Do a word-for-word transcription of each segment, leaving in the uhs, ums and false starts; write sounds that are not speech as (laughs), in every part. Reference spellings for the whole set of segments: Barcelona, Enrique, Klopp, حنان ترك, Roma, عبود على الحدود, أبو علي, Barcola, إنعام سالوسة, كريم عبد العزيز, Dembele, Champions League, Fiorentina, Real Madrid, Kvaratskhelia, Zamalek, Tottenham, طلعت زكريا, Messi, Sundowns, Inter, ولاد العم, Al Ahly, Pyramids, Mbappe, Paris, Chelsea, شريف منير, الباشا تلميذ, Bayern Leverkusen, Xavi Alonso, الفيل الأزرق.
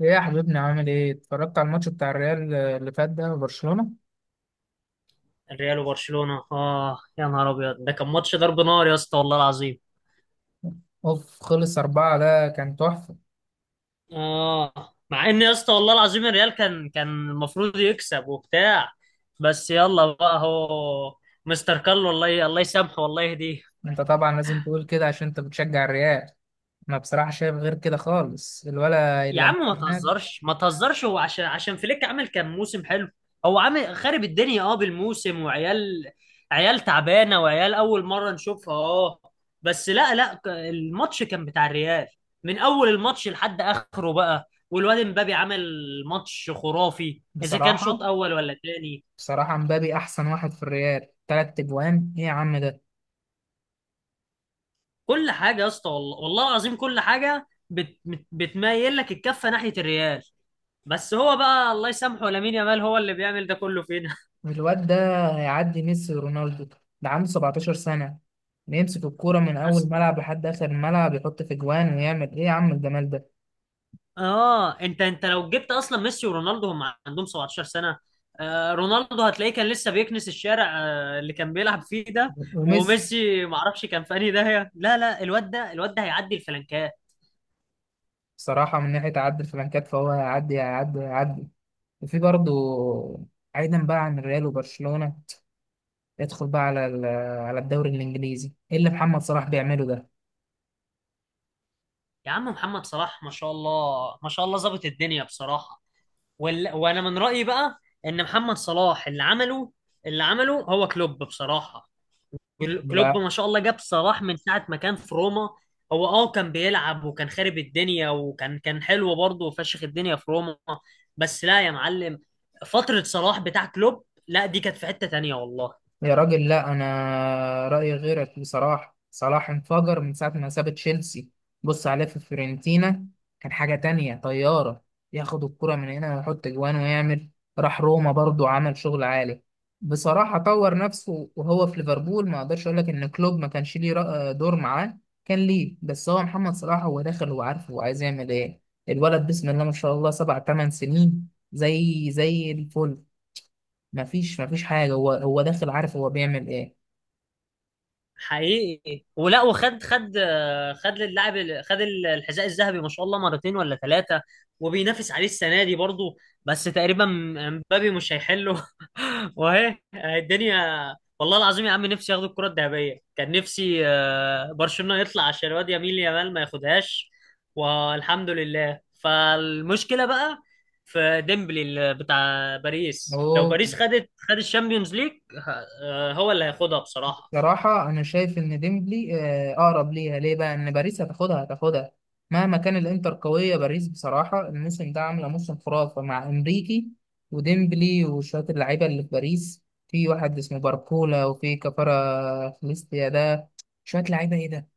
ايه يا حبيبنا؟ عامل ايه؟ اتفرجت على الماتش بتاع الريال اللي فات ده وبرشلونة؟ الريال وبرشلونة اه، يا نهار ابيض، ده كان ماتش ضرب نار يا اسطى والله العظيم. اوف خلص أربعة، ده كان تحفة. اه، مع ان يا اسطى والله العظيم الريال كان كان المفروض يكسب وبتاع. بس يلا بقى هو مستر كارلو، الله ي- الله يسامحه والله يهديه. انت طبعا لازم تقول كده عشان انت بتشجع الريال. انا بصراحة شايف غير كده خالص، الولا يا عم اللي ما هناك تهزرش ما تهزرش، هو عشان عشان فليك عمل كان موسم حلو. هو عامل خارب الدنيا اه بالموسم، وعيال عيال تعبانه، وعيال اول مره نشوفها اه. بس لا لا، ك- الماتش كان بتاع الريال من اول الماتش لحد اخره بقى، والواد امبابي عمل ماتش خرافي اذا كان بصراحة، شوط اول ولا تاني. بصراحة مبابي احسن واحد في الريال، تلات اجوان، ايه يا عم ده؟ كل حاجه يا اسطى والله والله العظيم، كل حاجه بت بت- بتميل لك الكفه ناحيه الريال. بس هو بقى الله يسامحه لامين يامال هو اللي بيعمل ده كله فينا. الواد ده هيعدي ميسي ورونالدو، ده عنده سبعتاشر سنة، بيمسك الكورة من أول (laughs) ملعب لحد آخر الملعب يحط في جوان ويعمل، إيه يا عم الجمال ده؟ اه، انت انت لو جبت اصلا ميسي ورونالدو هم عندهم سبعة عشر سنة سنه؟ آه، رونالدو هتلاقيه كان لسه بيكنس الشارع آه اللي كان بيلعب فيه ده. وميسي وميسي ما اعرفش كان في انهي داهيه. لا لا، الواد ده الواد ده هيعدي الفلنكات. صراحة من ناحية عد الفلانكات فهو هيعدي هيعدي هيعدي وفي برضه، بعيدا بقى عن الريال وبرشلونة، ادخل بقى على ال- على الدوري الإنجليزي، إيه اللي محمد صلاح بيعمله ده؟ يا عم محمد صلاح ما شاء الله ما شاء الله ظابط الدنيا بصراحه. وال... وانا من رايي بقى ان محمد صلاح اللي عمله اللي عمله هو كلوب بصراحه. كل- كلوب لا ما شاء الله جاب صلاح من ساعة ما كان في روما. هو اه كان بيلعب وكان خارب الدنيا، وكان كان حلو برضه وفشخ الدنيا في روما. بس لا يا معلم، فترة صلاح بتاع كلوب لا، دي كانت في حتة تانية والله. يا راجل، لا انا رايي غيرك بصراحه، صلاح انفجر من ساعه ما ساب تشيلسي. بص عليه في فيورنتينا، كان حاجه تانية، طياره، ياخد الكره من هنا ويحط جوان ويعمل. راح روما برضو عمل شغل عالي. بصراحه طور نفسه وهو في ليفربول، ما اقدرش اقول لك ان كلوب ما كانش ليه رأ- دور معاه، كان ليه، بس هو محمد صلاح هو داخل وعارف هو عايز يعمل ايه. الولد بسم الله ما شاء الله سبع تمن سنين زي زي الفل، مفيش مفيش حاجة، هو هو داخل عارف هو بيعمل ايه. حقيقي ولا. وخد خد خد للاعب ال- خد الحذاء الذهبي ما شاء الله مرتين ولا ثلاثة، وبينافس عليه السنة دي برضه. بس تقريبا مبابي مش هيحله. (laughs) واهي الدنيا والله العظيم يا عم، نفسي ياخدوا الكرة الذهبية، كان نفسي آه، برشلونة يطلع عشان الواد يميل يامال ما ياخدهاش. والحمد لله، فالمشكلة بقى في ديمبلي اللي بتاع باريس. لو هو باريس خدت خد الشامبيونز ليج، ه- آه، هو اللي هياخدها بصراحة. بصراحة أنا شايف إن ديمبلي، آه، أقرب ليها. ليه بقى إن باريس هتاخدها هتاخدها مهما كان الإنتر قوية. باريس بصراحة الموسم ده عاملة موسم خرافة مع إنريكي وديمبلي وشوية اللعيبة اللي في باريس، في واحد اسمه باركولا وفي كفارة خليستيا ده، شوية لعيبة، إيه ده؟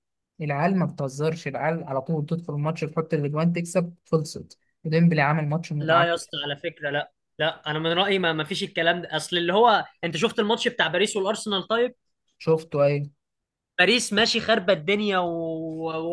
العيال ما بتهزرش، العيال على طول تدخل الماتش تحط الأجوان تكسب خلصت. وديمبلي عامل ماتش لا عامل. يا اسطى على فكره لا. لا انا من رايي ما ما فيش الكلام ده، اصل اللي هو انت شفت الماتش بتاع باريس والارسنال طيب؟ شفته أيه؟ باريس ماشي خاربه الدنيا، و...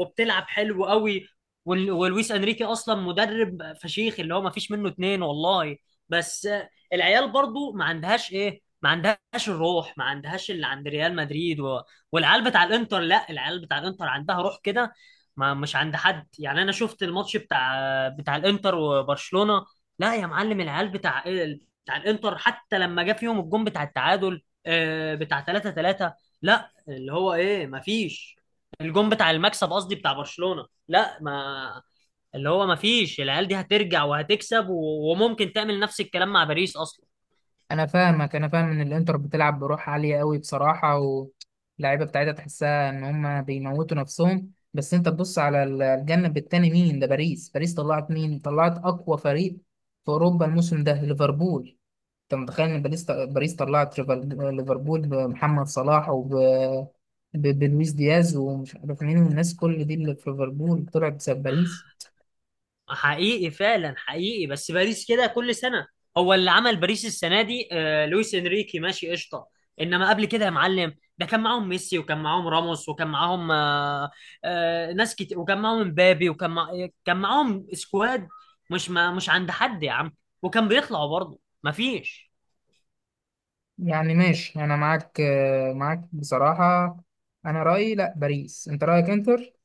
وبتلعب حلو قوي، وال... ولويس انريكي اصلا مدرب فشيخ اللي هو ما فيش منه اتنين والله. بس آه، العيال برضو ما عندهاش ايه، ما عندهاش الروح، ما عندهاش اللي عند ريال مدريد و... والعيال بتاع الانتر. لا، العيال بتاع الانتر عندها روح كده، ما مش عند حد. يعني انا شفت الماتش بتاع بتاع الانتر وبرشلونة. لا يا معلم، العيال بتاع بتاع الانتر حتى لما جه فيهم الجون بتاع التعادل آه، بتاع تلاتة تلاتة اللي هو، ايه، مفيش. الجون بتاع المكسب قصدي بتاع برشلونة لا، ما اللي هو مفيش. العيال دي هترجع وهتكسب، و... وممكن تعمل نفس الكلام مع باريس اصلا. انا فاهمك، انا فاهم ان الانتر بتلعب بروح عاليه قوي بصراحه، واللعيبه بتاعتها تحسها ان هم بيموتوا نفسهم، بس انت تبص على ال- الجنب التاني، مين ده؟ باريس باريس طلعت، مين؟ طلعت اقوى فريق في اوروبا الموسم ده، ليفربول. انت متخيل ان باريس باريس طلعت ريفر- ليفربول بمحمد صلاح وب ب- بلويس دياز ومش عارف مين، الناس كل دي اللي في ليفربول طلعت بسبب باريس. حقيقي فعلا حقيقي، بس باريس كده كل سنة. هو اللي عمل باريس السنة دي آه لويس انريكي ماشي قشطة. انما قبل كده يا معلم ده كان معاهم ميسي، وكان معاهم راموس، وكان معاهم آه آه ناس كتير، وكان معاهم مبابي، وكان مع... كان معاهم سكواد. مش ما... مش عند حد يا عم. وكان بيطلعوا برضه مفيش. يعني ماشي، انا معاك، آه، معاك بصراحه. انا رايي لا، باريس، انت رايك انتر.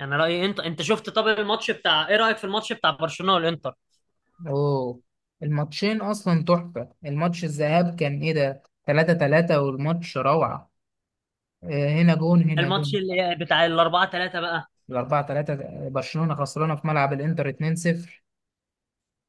انا رايي انت انت شفت، طب الماتش بتاع، ايه رايك في الماتش بتاع برشلونه والانتر؟ اوه، الماتشين اصلا تحفة، الماتش الذهاب كان ايه ده؟ تلاتة تلاتة، والماتش روعة، آه، هنا جون هنا الماتش جون. اللي بتاع الاربعة ثلاثة بقى. الأربعة تلاتة، برشلونة خسرانة في ملعب الإنتر اتنين صفر،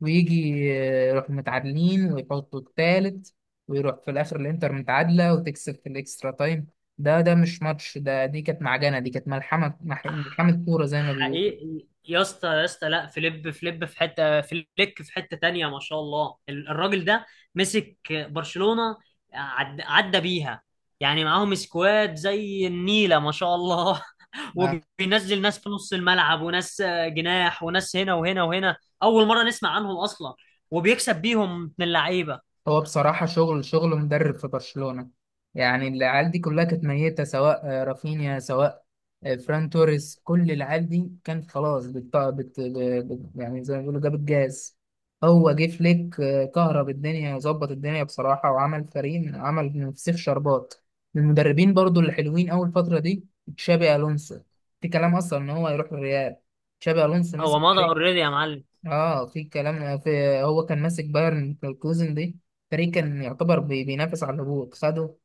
ويجي، آه، يروح متعادلين ويحطوا التالت، ويروح في الآخر الإنتر متعادلة وتكسب في الإكسترا تايم. ده ده مش ماتش ده، دي كانت معجنة، دي كانت ملحمة، مح- ملحمة كورة زي ما بيقولوا. حقيقي يا اسطى يا اسطى، لا، فليب فليب في حته فليك في حته تانية ما شاء الله. ال- الراجل ده مسك برشلونه، عد... عدى بيها. يعني معاهم سكواد زي النيله ما شاء الله. (laughs) وبينزل ناس في نص الملعب، وناس جناح، وناس هنا وهنا وهنا، اول مره نسمع عنهم اصلا، وبيكسب بيهم من اللعيبه. هو بصراحة شغل، شغل مدرب في برشلونة، يعني العيال دي كلها كانت ميتة، سواء آه، رافينيا، سواء آه، فران توريس، كل العيال دي كانت خلاص، بت... بت... بت... يعني زي ما بيقولوا جابت جاز. هو جه فليك، آه، كهرب الدنيا وظبط الدنيا بصراحة، وعمل فريق، عمل من فسيخ شربات. من المدربين برضو اللي حلوين أول فترة دي تشابي ألونسو، في كلام أصلا إن هو يروح الريال، تشابي ألونسو مسك هو مضى فريق، اوريدي يا معلم. اه في كلام، في، هو كان ماسك بايرن ليفركوزن دي، فريق كان يعتبر بي- بينافس على الهبوط، خده،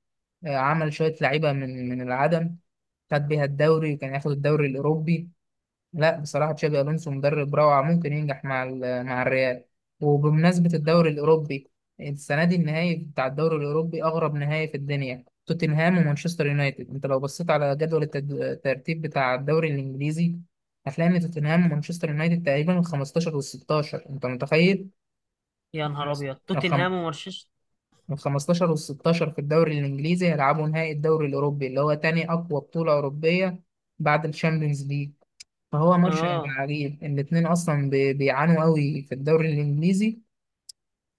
آه، عمل شوية لعيبة من من العدم، خد بيها الدوري وكان ياخد الدوري الأوروبي. لا بصراحة تشابي ألونسو مدرب روعة، ممكن ينجح مع ال- مع الريال. وبمناسبة الدوري الأوروبي، السنة دي النهائي بتاع الدوري الأوروبي أغرب نهائي في الدنيا، توتنهام ومانشستر يونايتد. أنت لو بصيت على جدول التد- الترتيب بتاع الدوري الإنجليزي، هتلاقي إن توتنهام ومانشستر يونايتد تقريبا ال خمستاشر وال ستاشر، أنت متخيل؟ يا نهار ابيض، الخم... توتنهام ومانشستر. ال خمستاشر وال ستاشر في الدوري الإنجليزي هيلعبوا نهائي الدوري الأوروبي، اللي هو تاني أقوى بطولة أوروبية بعد الشامبيونز ليج. فهو ماتش هيبقى اه، عجيب، الاتنين اصلا بي- بيعانوا قوي في الدوري الانجليزي،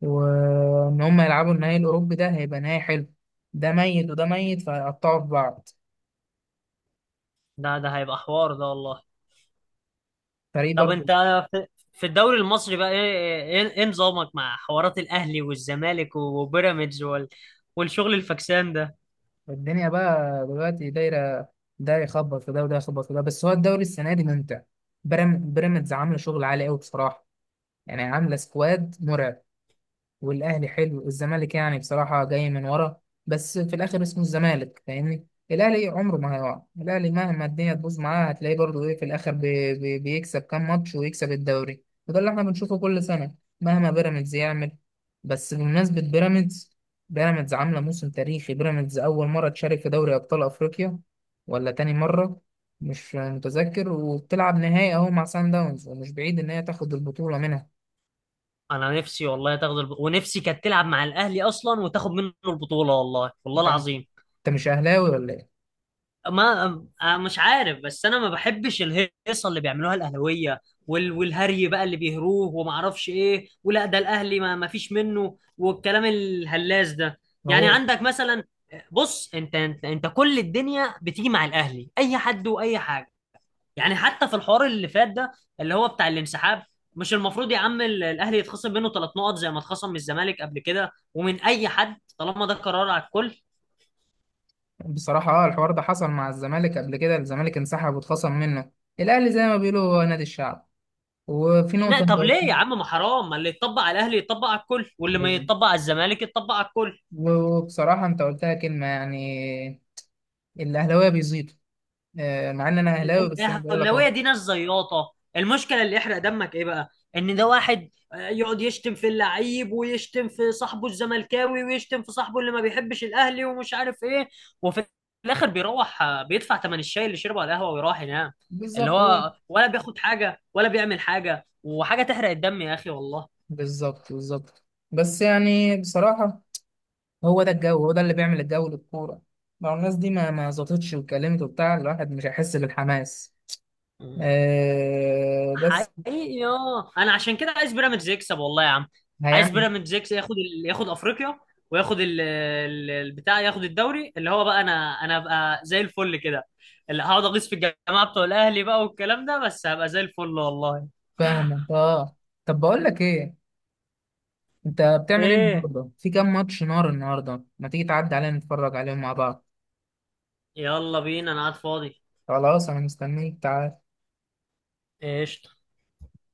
وان هم يلعبوا النهائي الاوروبي ده هيبقى نهائي حلو، ده ميت وده ميت، فهيقطعوا في بعض. ده ده هيبقى حوار ده والله. فريق طب برضه. انت، في في الدوري المصري بقى ايه، ايه ايه نظامك مع حوارات الاهلي والزمالك وبيراميدز وال... والشغل الفكسان ده؟ الدنيا بقى دلوقتي دايره، ده يخبط في ده وده يخبط في ده، بس هو الدوري السنه دي ممتع. برام- بيراميدز عامله شغل عالي قوي بصراحه، يعني عامله سكواد مرعب، والاهلي حلو، الزمالك يعني بصراحه جاي من ورا، بس في الاخر اسمه الزمالك فاهمني، الاهلي عمره ما هيقع، الاهلي مهما الدنيا تبوظ معاه هتلاقيه برضه ايه في الاخر بي بي بيكسب كام ماتش ويكسب الدوري، وده اللي احنا بنشوفه كل سنه مهما بيراميدز يعمل. بس بمناسبه بيراميدز، بيراميدز عامله موسم تاريخي، بيراميدز اول مره تشارك في دوري ابطال افريقيا ولا تاني مره، مش متذكر، وبتلعب نهائي اهو مع سان داونز، ومش بعيد ان هي تاخد البطوله منها. انا نفسي والله تاخد الب... ونفسي كانت تلعب مع الاهلي اصلا وتاخد منه البطولة، والله والله انت، العظيم. أنت مش اهلاوي ولا ايه؟ ما آه، مش عارف، بس انا ما بحبش الهيصه اللي بيعملوها الاهلاويه، وال... والهري بقى اللي بيهروه وما اعرفش ايه، ولا ده الاهلي ما... ما فيش منه، والكلام الهلاس ده. يعني هو عندك مثلا، بص انت انت, انت كل الدنيا بتيجي مع الاهلي، اي حد واي حاجه. يعني حتى في الحوار اللي فات ده اللي هو بتاع الانسحاب، مش المفروض يا عم ال- الاهلي يتخصم منه ثلاث نقط زي ما اتخصم من الزمالك قبل كده ومن اي حد، طالما ده قرار على الكل؟ بصراحة اه الحوار ده حصل مع الزمالك قبل كده، الزمالك انسحب واتخصم منه. الأهلي زي ما بيقولوا هو نادي الشعب، وفي لا نقطة أنت طب ليه قلتها. يا عم، ما حرام، ما اللي يتطبق على الاهلي يتطبق على الكل، واللي ما بالظبط، يتطبق على الزمالك يتطبق على الكل. وبصراحة أنت قلتها كلمة يعني، الأهلاوية بيزيدوا، آه، مع إن أنا أهلاوي بس أنا بقول لك أهو. الاهلاويه دي ناس زياطه، المشكله اللي يحرق دمك ايه بقى؟ ان ده واحد آه، يقعد يشتم في اللعيب ويشتم في صاحبه الزملكاوي ويشتم في صاحبه اللي ما بيحبش الاهلي ومش عارف ايه، وفي الاخر بيروح آه، بيدفع ثمن الشاي اللي شربه على القهوه ويروح ينام. اللي بالظبط أهو. هو ولا بياخد حاجه ولا بيعمل حاجه، وحاجه تحرق الدم يا اخي والله. بالظبط بالظبط. بس يعني بصراحة هو ده الجو، هو ده اللي بيعمل الجو للكورة، لو الناس دي ما ما زطتش واتكلمت وبتاع، الواحد مش هيحس بالحماس، آه، بس حقيقي اه انا عشان كده عايز بيراميدز يكسب والله يا عم. عايز هيعمل. بيراميدز يكسب، ياخد ال... ياخد افريقيا، وياخد ال... ال- البتاع، ياخد الدوري اللي هو بقى. انا انا ابقى زي الفل كده، اللي هقعد اغيظ في الجماعه بتوع الاهلي بقى والكلام ده، بس هبقى زي الفل والله. فاهمك، اه. طب بقول لك ايه، انت بتعمل ايه ايه، النهارده؟ في كام ماتش نار النهارده، ما تيجي تعدي علينا نتفرج عليهم مع بعض. يلا بينا، انا قاعد فاضي. خلاص انا مستنيك، تعال. ايش؟